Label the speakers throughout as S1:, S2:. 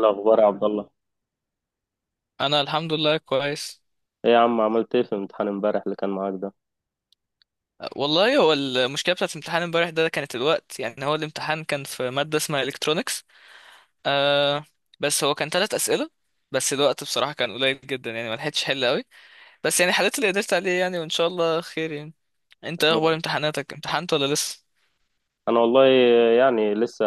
S1: الأخبار يا عبد الله.
S2: انا الحمد لله كويس.
S1: إيه يا عم، عملت إيه في الامتحان امبارح اللي كان معاك ده؟
S2: والله هو المشكله بتاعت الامتحان امبارح ده كانت الوقت، يعني هو الامتحان كان في ماده اسمها الكترونكس. آه. بس هو كان 3 اسئله، بس الوقت بصراحه كان قليل جدا، يعني ما لحقتش حل قوي. بس يعني حليت اللي قدرت عليه، يعني وان شاء الله خير يعني. انت إيه اخبار امتحاناتك؟ امتحنت ولا لسه؟
S1: أنا والله يعني لسه،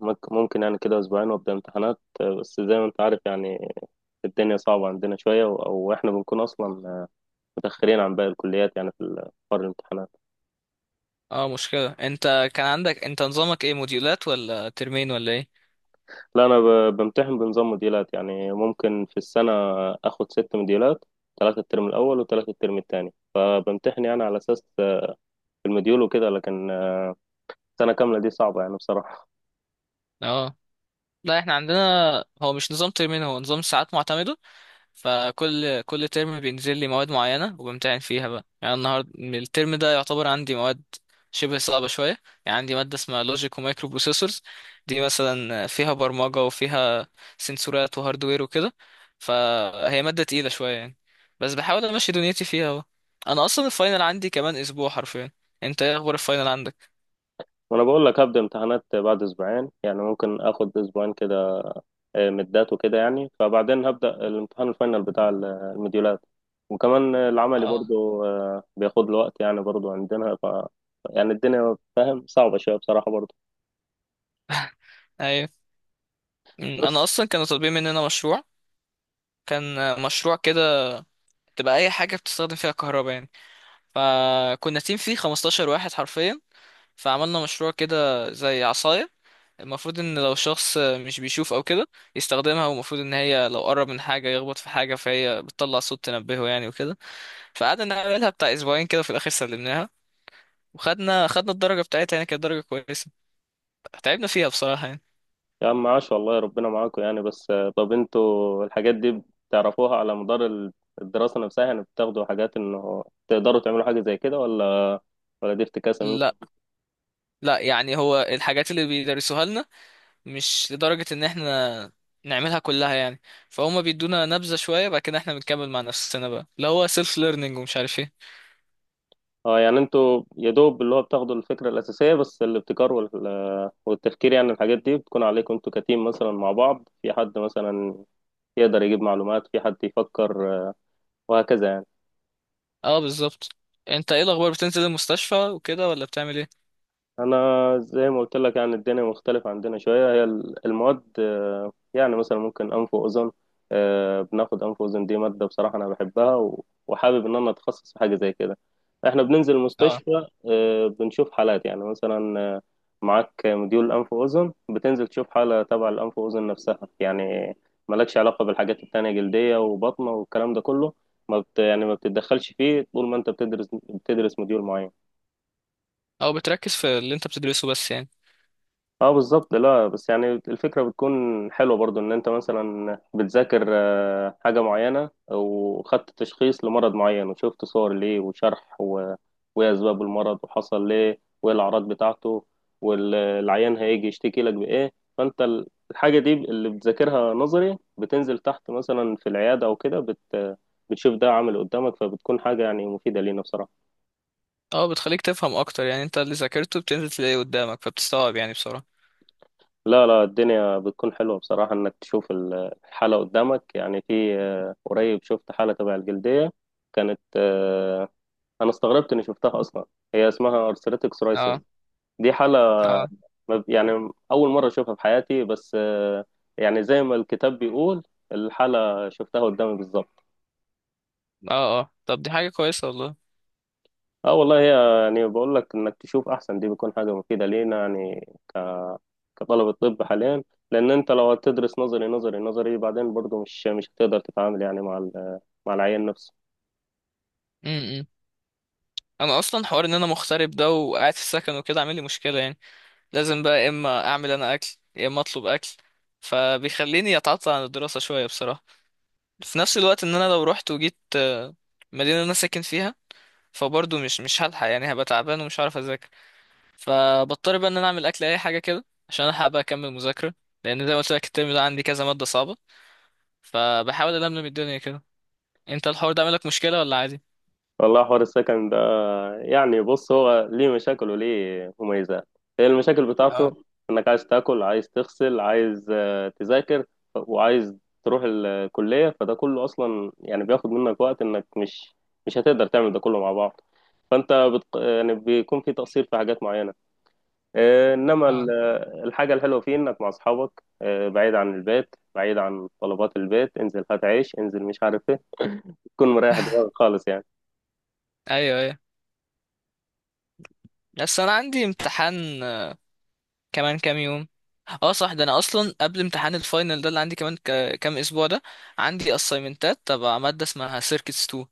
S1: ممكن يعني كده أسبوعين وأبدأ امتحانات. بس زي ما أنت عارف يعني الدنيا صعبة عندنا شوية أو إحنا بنكون أصلا متأخرين عن باقي الكليات يعني في حوار الامتحانات.
S2: اه. مشكله. انت كان عندك، انت نظامك ايه، موديولات ولا ترمين ولا ايه؟
S1: لا أنا بمتحن بنظام موديلات، يعني ممكن في السنة آخد ست موديلات، ثلاثة الترم الأول وثلاثة الترم التاني، فبمتحن يعني على أساس المديول وكده، لكن السنة كاملة دي صعبة يعني بصراحة.
S2: اه. لا، احنا عندنا هو مش نظام ترمين، هو نظام ساعات معتمده. فكل ترم بينزل لي مواد معينة وبمتحن فيها بقى، يعني النهارده الترم ده يعتبر عندي مواد شبه صعبة شوية. يعني عندي مادة اسمها لوجيك ومايكرو بروسيسورز، دي مثلا فيها برمجة وفيها سنسورات وهاردوير وكده. فهي مادة تقيلة شوية يعني، بس بحاول امشي دنيتي فيها اهو. انا اصلا الفاينل عندي كمان اسبوع حرفيا. انت ايه اخبار الفاينل عندك؟
S1: وانا بقول لك هبدا امتحانات بعد اسبوعين، يعني ممكن اخد اسبوعين كده مدات وكده يعني، فبعدين هبدا الامتحان الفاينل بتاع الموديولات، وكمان العملي
S2: اه.
S1: برضو بياخد له وقت يعني، برضو عندنا ف يعني الدنيا فاهم صعبه شويه بصراحه برضو
S2: ايوه. انا
S1: بس.
S2: اصلا كانوا طالبين مننا مشروع. كان مشروع كده تبقى اي حاجة بتستخدم فيها كهرباء يعني. فكنا تيم فيه 15 واحد حرفيا. فعملنا مشروع كده زي عصاية، المفروض ان لو شخص مش بيشوف او كده يستخدمها، والمفروض ان هي لو قرب من حاجة يخبط في حاجة فهي بتطلع صوت تنبهه يعني وكده. فقعدنا نعملها بتاع اسبوعين كده، في الاخر سلمناها. وخدنا الدرجة بتاعتها، يعني كانت درجة كويسة. تعبنا فيها بصراحة يعني.
S1: يا عم عاش والله، ربنا معاكم يعني، بس طب انتوا الحاجات دي بتعرفوها على مدار الدراسه نفسها يعني؟ بتاخدوا حاجات انه تقدروا تعملوا حاجه زي كده، ولا ولا دي افتكاسه؟
S2: لا لا، يعني هو الحاجات اللي بيدرسوها لنا مش لدرجة ان احنا نعملها كلها يعني. فهم بيدونا نبذة شوية، بعد كده احنا بنكمل مع نفسنا بقى، اللي هو سيلف ليرنينج ومش عارف ايه.
S1: اه يعني انتوا يا دوب اللي هو بتاخدوا الفكرة الأساسية بس، الابتكار والتفكير يعني الحاجات دي بتكون عليكم انتوا كتيم مثلا مع بعض، في حد مثلا يقدر يجيب معلومات، في حد يفكر، وهكذا يعني.
S2: اه، بالظبط. انت ايه الاخبار، بتنزل المستشفى وكده ولا بتعمل ايه؟
S1: انا زي ما قلت لك يعني الدنيا مختلفة عندنا شوية، هي المواد، يعني مثلا ممكن انف واذن، بناخد انف واذن، دي مادة بصراحة انا بحبها وحابب ان انا اتخصص في حاجة زي كده. احنا بننزل
S2: اه.
S1: المستشفى، بنشوف حالات يعني، مثلا معاك مديول انف واذن، بتنزل تشوف حالة تبع الانف واذن نفسها يعني، مالكش علاقة بالحاجات التانية، جلدية وبطنة والكلام ده كله. ما بت يعني ما بتتدخلش فيه طول ما انت بتدرس، بتدرس مديول معين.
S2: او بتركز في اللي انت بتدرسه بس يعني.
S1: اه بالظبط، لا بس يعني الفكرة بتكون حلوة برضو، ان انت مثلا بتذاكر حاجة معينة وخدت تشخيص لمرض معين، وشفت صور ليه وشرح، و... وايه اسباب المرض، وحصل ليه، وايه الاعراض بتاعته، والعيان هيجي يشتكي لك بايه. فانت الحاجة دي اللي بتذاكرها نظري، بتنزل تحت مثلا في العيادة او كده، بتشوف ده عامل قدامك، فبتكون حاجة يعني مفيدة لينا بصراحة.
S2: اه، بتخليك تفهم اكتر، يعني انت اللي ذاكرته بتنزل تلاقيه قدامك فبتستوعب يعني بسرعة.
S1: لا لا، الدنيا بتكون حلوة بصراحة إنك تشوف الحالة قدامك، يعني في قريب شفت حالة تبع الجلدية، كانت أنا استغربت إني شفتها أصلا، هي اسمها أرثريتك سورايسيس.
S2: اه.
S1: دي حالة
S2: اه.
S1: يعني أول مرة أشوفها في حياتي، بس يعني زي ما الكتاب بيقول، الحالة شفتها قدامي بالظبط.
S2: اه. اه، طب دي حاجة كويسة والله.
S1: اه والله، هي يعني بقول لك انك تشوف احسن، دي بيكون حاجة مفيدة لينا يعني كطلبة طب حاليا. لأن أنت لو هتدرس نظري نظري نظري بعدين برضه، مش هتقدر تتعامل يعني مع مع العيان نفسه.
S2: امم، انا اصلا حوار ان انا مغترب ده وقاعد في السكن وكده عامل لي مشكلة يعني. لازم بقى يا اما اعمل انا اكل، يا اما اطلب اكل. فبيخليني اتعطل عن الدراسة شوية بصراحة. في نفس الوقت ان انا لو رحت وجيت مدينة انا ساكن فيها، فبرضه مش هلحق يعني، هبقى تعبان ومش هعرف اذاكر. فبضطر بقى ان انا اعمل اكل اي حاجة كده عشان الحق بقى اكمل مذاكرة. لان زي ما قلت لك الترم ده عندي كذا مادة صعبة، فبحاول ألملم الدنيا كده. انت الحوار ده عامل لك مشكلة ولا عادي؟
S1: والله حوار السكن ده يعني، بص هو ليه مشاكل وليه مميزات. هي المشاكل
S2: اه.
S1: بتاعته إنك عايز تاكل، عايز تغسل، عايز تذاكر، وعايز تروح الكلية، فده كله أصلا يعني بياخد منك وقت، إنك مش هتقدر تعمل ده كله مع بعض. يعني بيكون في تقصير في حاجات معينة، انما
S2: اه.
S1: الحاجه الحلوه فيه انك مع اصحابك، بعيد عن البيت، بعيد عن طلبات البيت، انزل هات عيش، انزل مش عارف ايه، تكون مريح دماغك خالص يعني.
S2: ايوه، ايوه. بس انا عندي امتحان كمان كام يوم. اه صح، ده انا اصلا قبل امتحان الفاينل ده اللي عندي كمان كام اسبوع ده، عندي اسايمنتات تبع ماده اسمها سيركتس 2.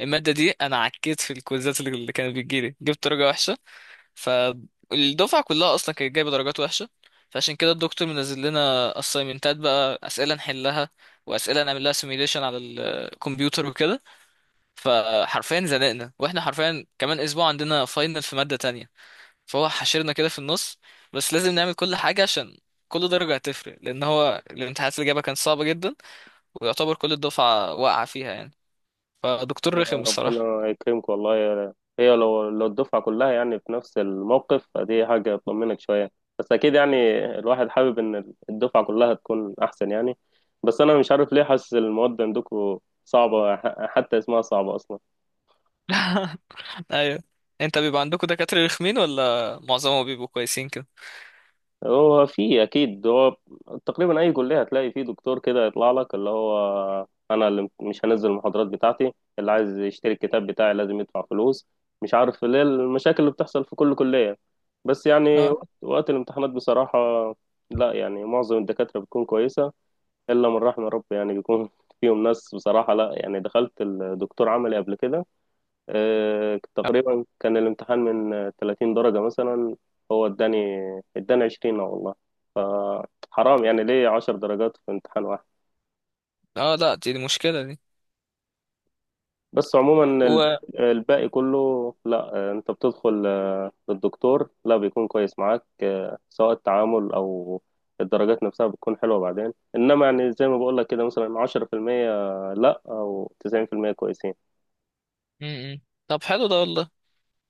S2: الماده دي انا عكيت في الكويزات اللي كانت بتجيلي، جبت درجه وحشه. فالدفعه كلها اصلا كانت جايبه درجات وحشه. فعشان كده الدكتور منزل لنا اسايمنتات بقى، اسئله نحلها واسئله نعمل لها سيميليشن على الكمبيوتر وكده. فحرفيا زنقنا، واحنا حرفيا كمان اسبوع عندنا فاينل في ماده تانية، فهو حشرنا كده في النص. بس لازم نعمل كل حاجة، عشان كل درجة هتفرق، لأن هو الامتحانات اللي جابها كانت صعبة جدا، ويعتبر كل الدفعة واقعة فيها يعني. فدكتور رخم الصراحة.
S1: ربنا يكرمك والله يا- هي لو الدفعه كلها يعني في نفس الموقف فدي حاجه تطمنك شويه، بس اكيد يعني الواحد حابب ان الدفعه كلها تكون احسن يعني. بس انا مش عارف ليه حاسس المواد عندكم صعبه، حتى اسمها صعبه اصلا.
S2: أيوه. أنت بيبقى عندكم دكاترة رخمين ولا معظمهم بيبقوا كويسين كده؟
S1: هو في اكيد، هو تقريبا اي كليه هتلاقي فيه دكتور كده يطلع لك، اللي هو انا اللي مش هنزل المحاضرات بتاعتي، اللي عايز يشتري الكتاب بتاعي لازم يدفع فلوس، مش عارف ليه، المشاكل اللي بتحصل في كل كليه، بس يعني
S2: اه.
S1: وقت الامتحانات بصراحه. لا يعني معظم الدكاتره بتكون كويسه، الا من رحم ربي يعني بيكون فيهم ناس بصراحه. لا يعني دخلت الدكتور عملي قبل كده، تقريبا كان الامتحان من 30 درجه مثلا، هو اداني، 20 والله، حرام يعني ليه عشر درجات في امتحان واحد.
S2: اه لا، دي مشكلة دي.
S1: بس عموما
S2: و
S1: الباقي كله لا، انت بتدخل للدكتور لا بيكون كويس معاك، سواء التعامل او الدرجات نفسها بتكون حلوة بعدين، انما يعني زي ما بقول لك كده مثلا عشرة في المية لا، او تسعين في المية كويسين.
S2: م- م. طب حلو ده والله.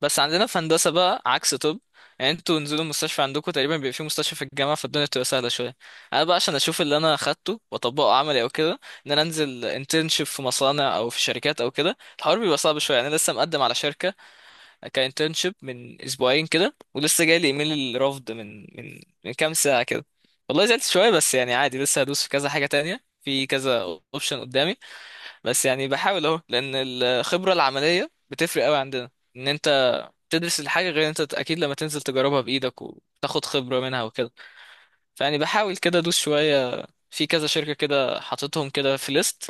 S2: بس عندنا في هندسة بقى عكس طب، يعني انتوا نزلوا المستشفى عندكم، تقريبا بيبقى في مستشفى في الجامعة، فالدنيا بتبقى سهلة شوية. انا بقى عشان اشوف اللي انا اخدته واطبقه عملي او كده، ان انا انزل انترنشيب في مصانع او في شركات او كده، الحوار بيبقى صعب شوية يعني. انا لسه مقدم على شركة كانترنشيب من اسبوعين كده، ولسه جاي لي ايميل الرفض من كام ساعة كده. والله زعلت شوية بس يعني عادي، لسه هدوس في كذا حاجة تانية في كذا اوبشن قدامي. بس يعني بحاول اهو، لان الخبرة العملية بتفرق قوي عندنا، ان انت تدرس الحاجة غير انت اكيد لما تنزل تجربها بايدك وتاخد خبرة منها وكده. فيعني بحاول كده ادوس شوية في كذا شركة كده، حاططهم كده في ليست،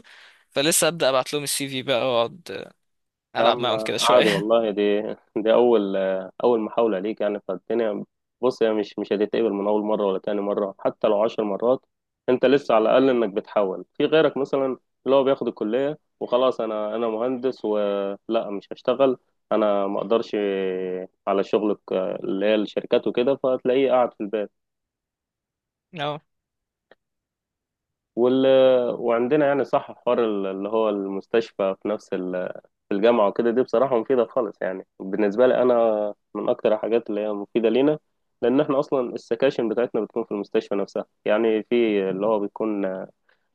S2: فلسه ابدا ابعت لهم السي في بقى واقعد
S1: يا
S2: العب
S1: عم
S2: معاهم كده
S1: عادي
S2: شوية.
S1: والله، دي أول محاولة ليك يعني، فالدنيا بص هي مش هتتقبل من أول مرة ولا تاني مرة، حتى لو عشر مرات. أنت لسه على الأقل إنك بتحاول، في غيرك مثلا اللي هو بياخد الكلية وخلاص، أنا مهندس ولا مش هشتغل، أنا ما أقدرش على شغلك اللي هي الشركات وكده، فتلاقيه قاعد في البيت
S2: اه.
S1: وال... وعندنا يعني صح، حوار اللي هو المستشفى في نفس في الجامعة وكده، دي بصراحة مفيدة خالص يعني، بالنسبة لي أنا من أكتر الحاجات اللي هي مفيدة لينا، لأن إحنا أصلا السكاشن بتاعتنا بتكون في المستشفى نفسها، يعني في اللي هو بيكون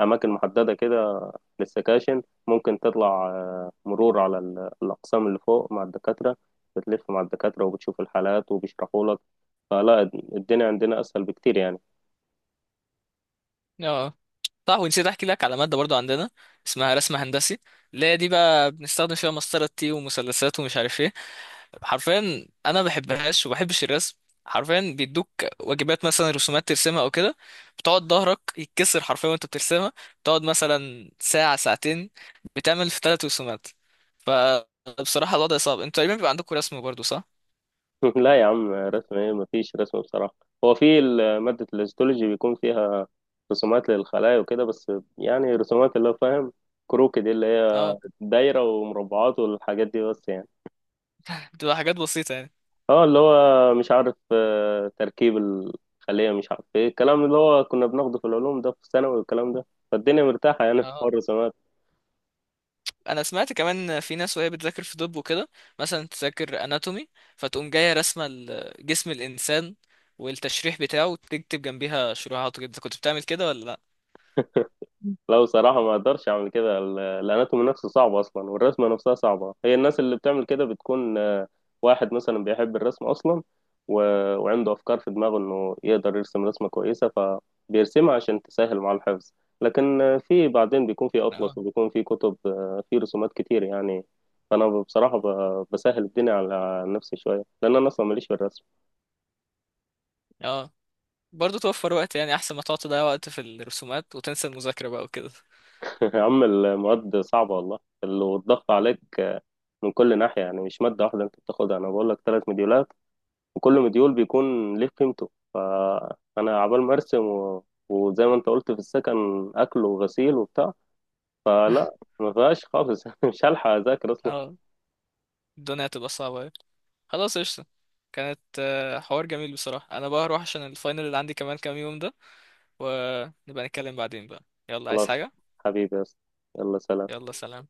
S1: أماكن محددة كده للسكاشن. ممكن تطلع مرور على الأقسام اللي فوق مع الدكاترة، بتلف مع الدكاترة وبتشوف الحالات وبيشرحوا لك. فلا، الدنيا عندنا أسهل بكتير يعني.
S2: اه صح، ونسيت احكي لك على مادة برضو عندنا اسمها رسم هندسي. اللي هي دي بقى بنستخدم فيها مسطرة تي ومثلثات ومش عارف ايه. حرفيا انا ما بحبهاش وما بحبش الرسم. حرفيا بيدوك واجبات مثلا رسومات ترسمها او كده، بتقعد ظهرك يتكسر حرفيا وانت بترسمها. بتقعد مثلا ساعة ساعتين بتعمل في 3 رسومات. فبصراحة الوضع صعب. انتوا تقريبا بيبقى عندكم رسم برضو صح؟
S1: لا يا عم، رسم إيه؟ مفيش رسم بصراحة. هو في مادة الهيستولوجي بيكون فيها رسومات للخلايا وكده بس، يعني رسومات اللي هو فاهم، كروكي، دي اللي هي
S2: اه،
S1: دايرة ومربعات والحاجات دي بس يعني.
S2: بتبقى حاجات بسيطة يعني.
S1: اه اللي هو مش عارف، تركيب الخلية مش عارف ايه، الكلام اللي هو كنا بناخده في العلوم ده في الثانوي والكلام ده، فالدنيا مرتاحة يعني في
S2: اه،
S1: حوار الرسومات.
S2: انا سمعت كمان في ناس وهي بتذاكر في طب وكده، مثلا تذاكر اناتومي، فتقوم جاية رسمة جسم الانسان والتشريح بتاعه وتكتب جنبيها شروحات وكده. كنت بتعمل كده ولا لا؟
S1: لا بصراحة ما اقدرش اعمل كده، الاناتومي نفسه صعب اصلا، والرسمة نفسها صعبة، هي الناس اللي بتعمل كده بتكون واحد مثلا بيحب الرسم اصلا و... وعنده افكار في دماغه انه يقدر يرسم رسمة كويسة، فبيرسمها عشان تسهل مع الحفظ. لكن في بعدين بيكون في اطلس وبيكون في كتب، في رسومات كتير يعني. فانا بصراحة بسهل الدنيا على نفسي شوية، لان انا اصلا ماليش في الرسم.
S2: اه، برضه توفر وقت، يعني احسن ما تقعد تضيع وقت في الرسومات وتنسى المذاكرة بقى وكده.
S1: يا عم المواد صعبة والله، والضغط عليك من كل ناحية يعني، مش مادة واحدة أنت بتاخدها، أنا بقول لك ثلاث مديولات، وكل مديول بيكون ليه قيمته، فأنا عبال ما أرسم وزي ما أنت قلت في السكن، أكل وغسيل وبتاع، فلا ما فيهاش خالص مش هلحق أذاكر أصلا.
S2: اه. الدنيا هتبقى صعبة أوي. خلاص قشطة. كانت حوار جميل بصراحة. انا بقى هروح عشان الفاينل اللي عندي كمان كام يوم ده، ونبقى نتكلم بعدين بقى. يلا، عايز
S1: خلاص،
S2: حاجة؟
S1: حبيبي يا أسطى. يلا سلام.
S2: يلا سلام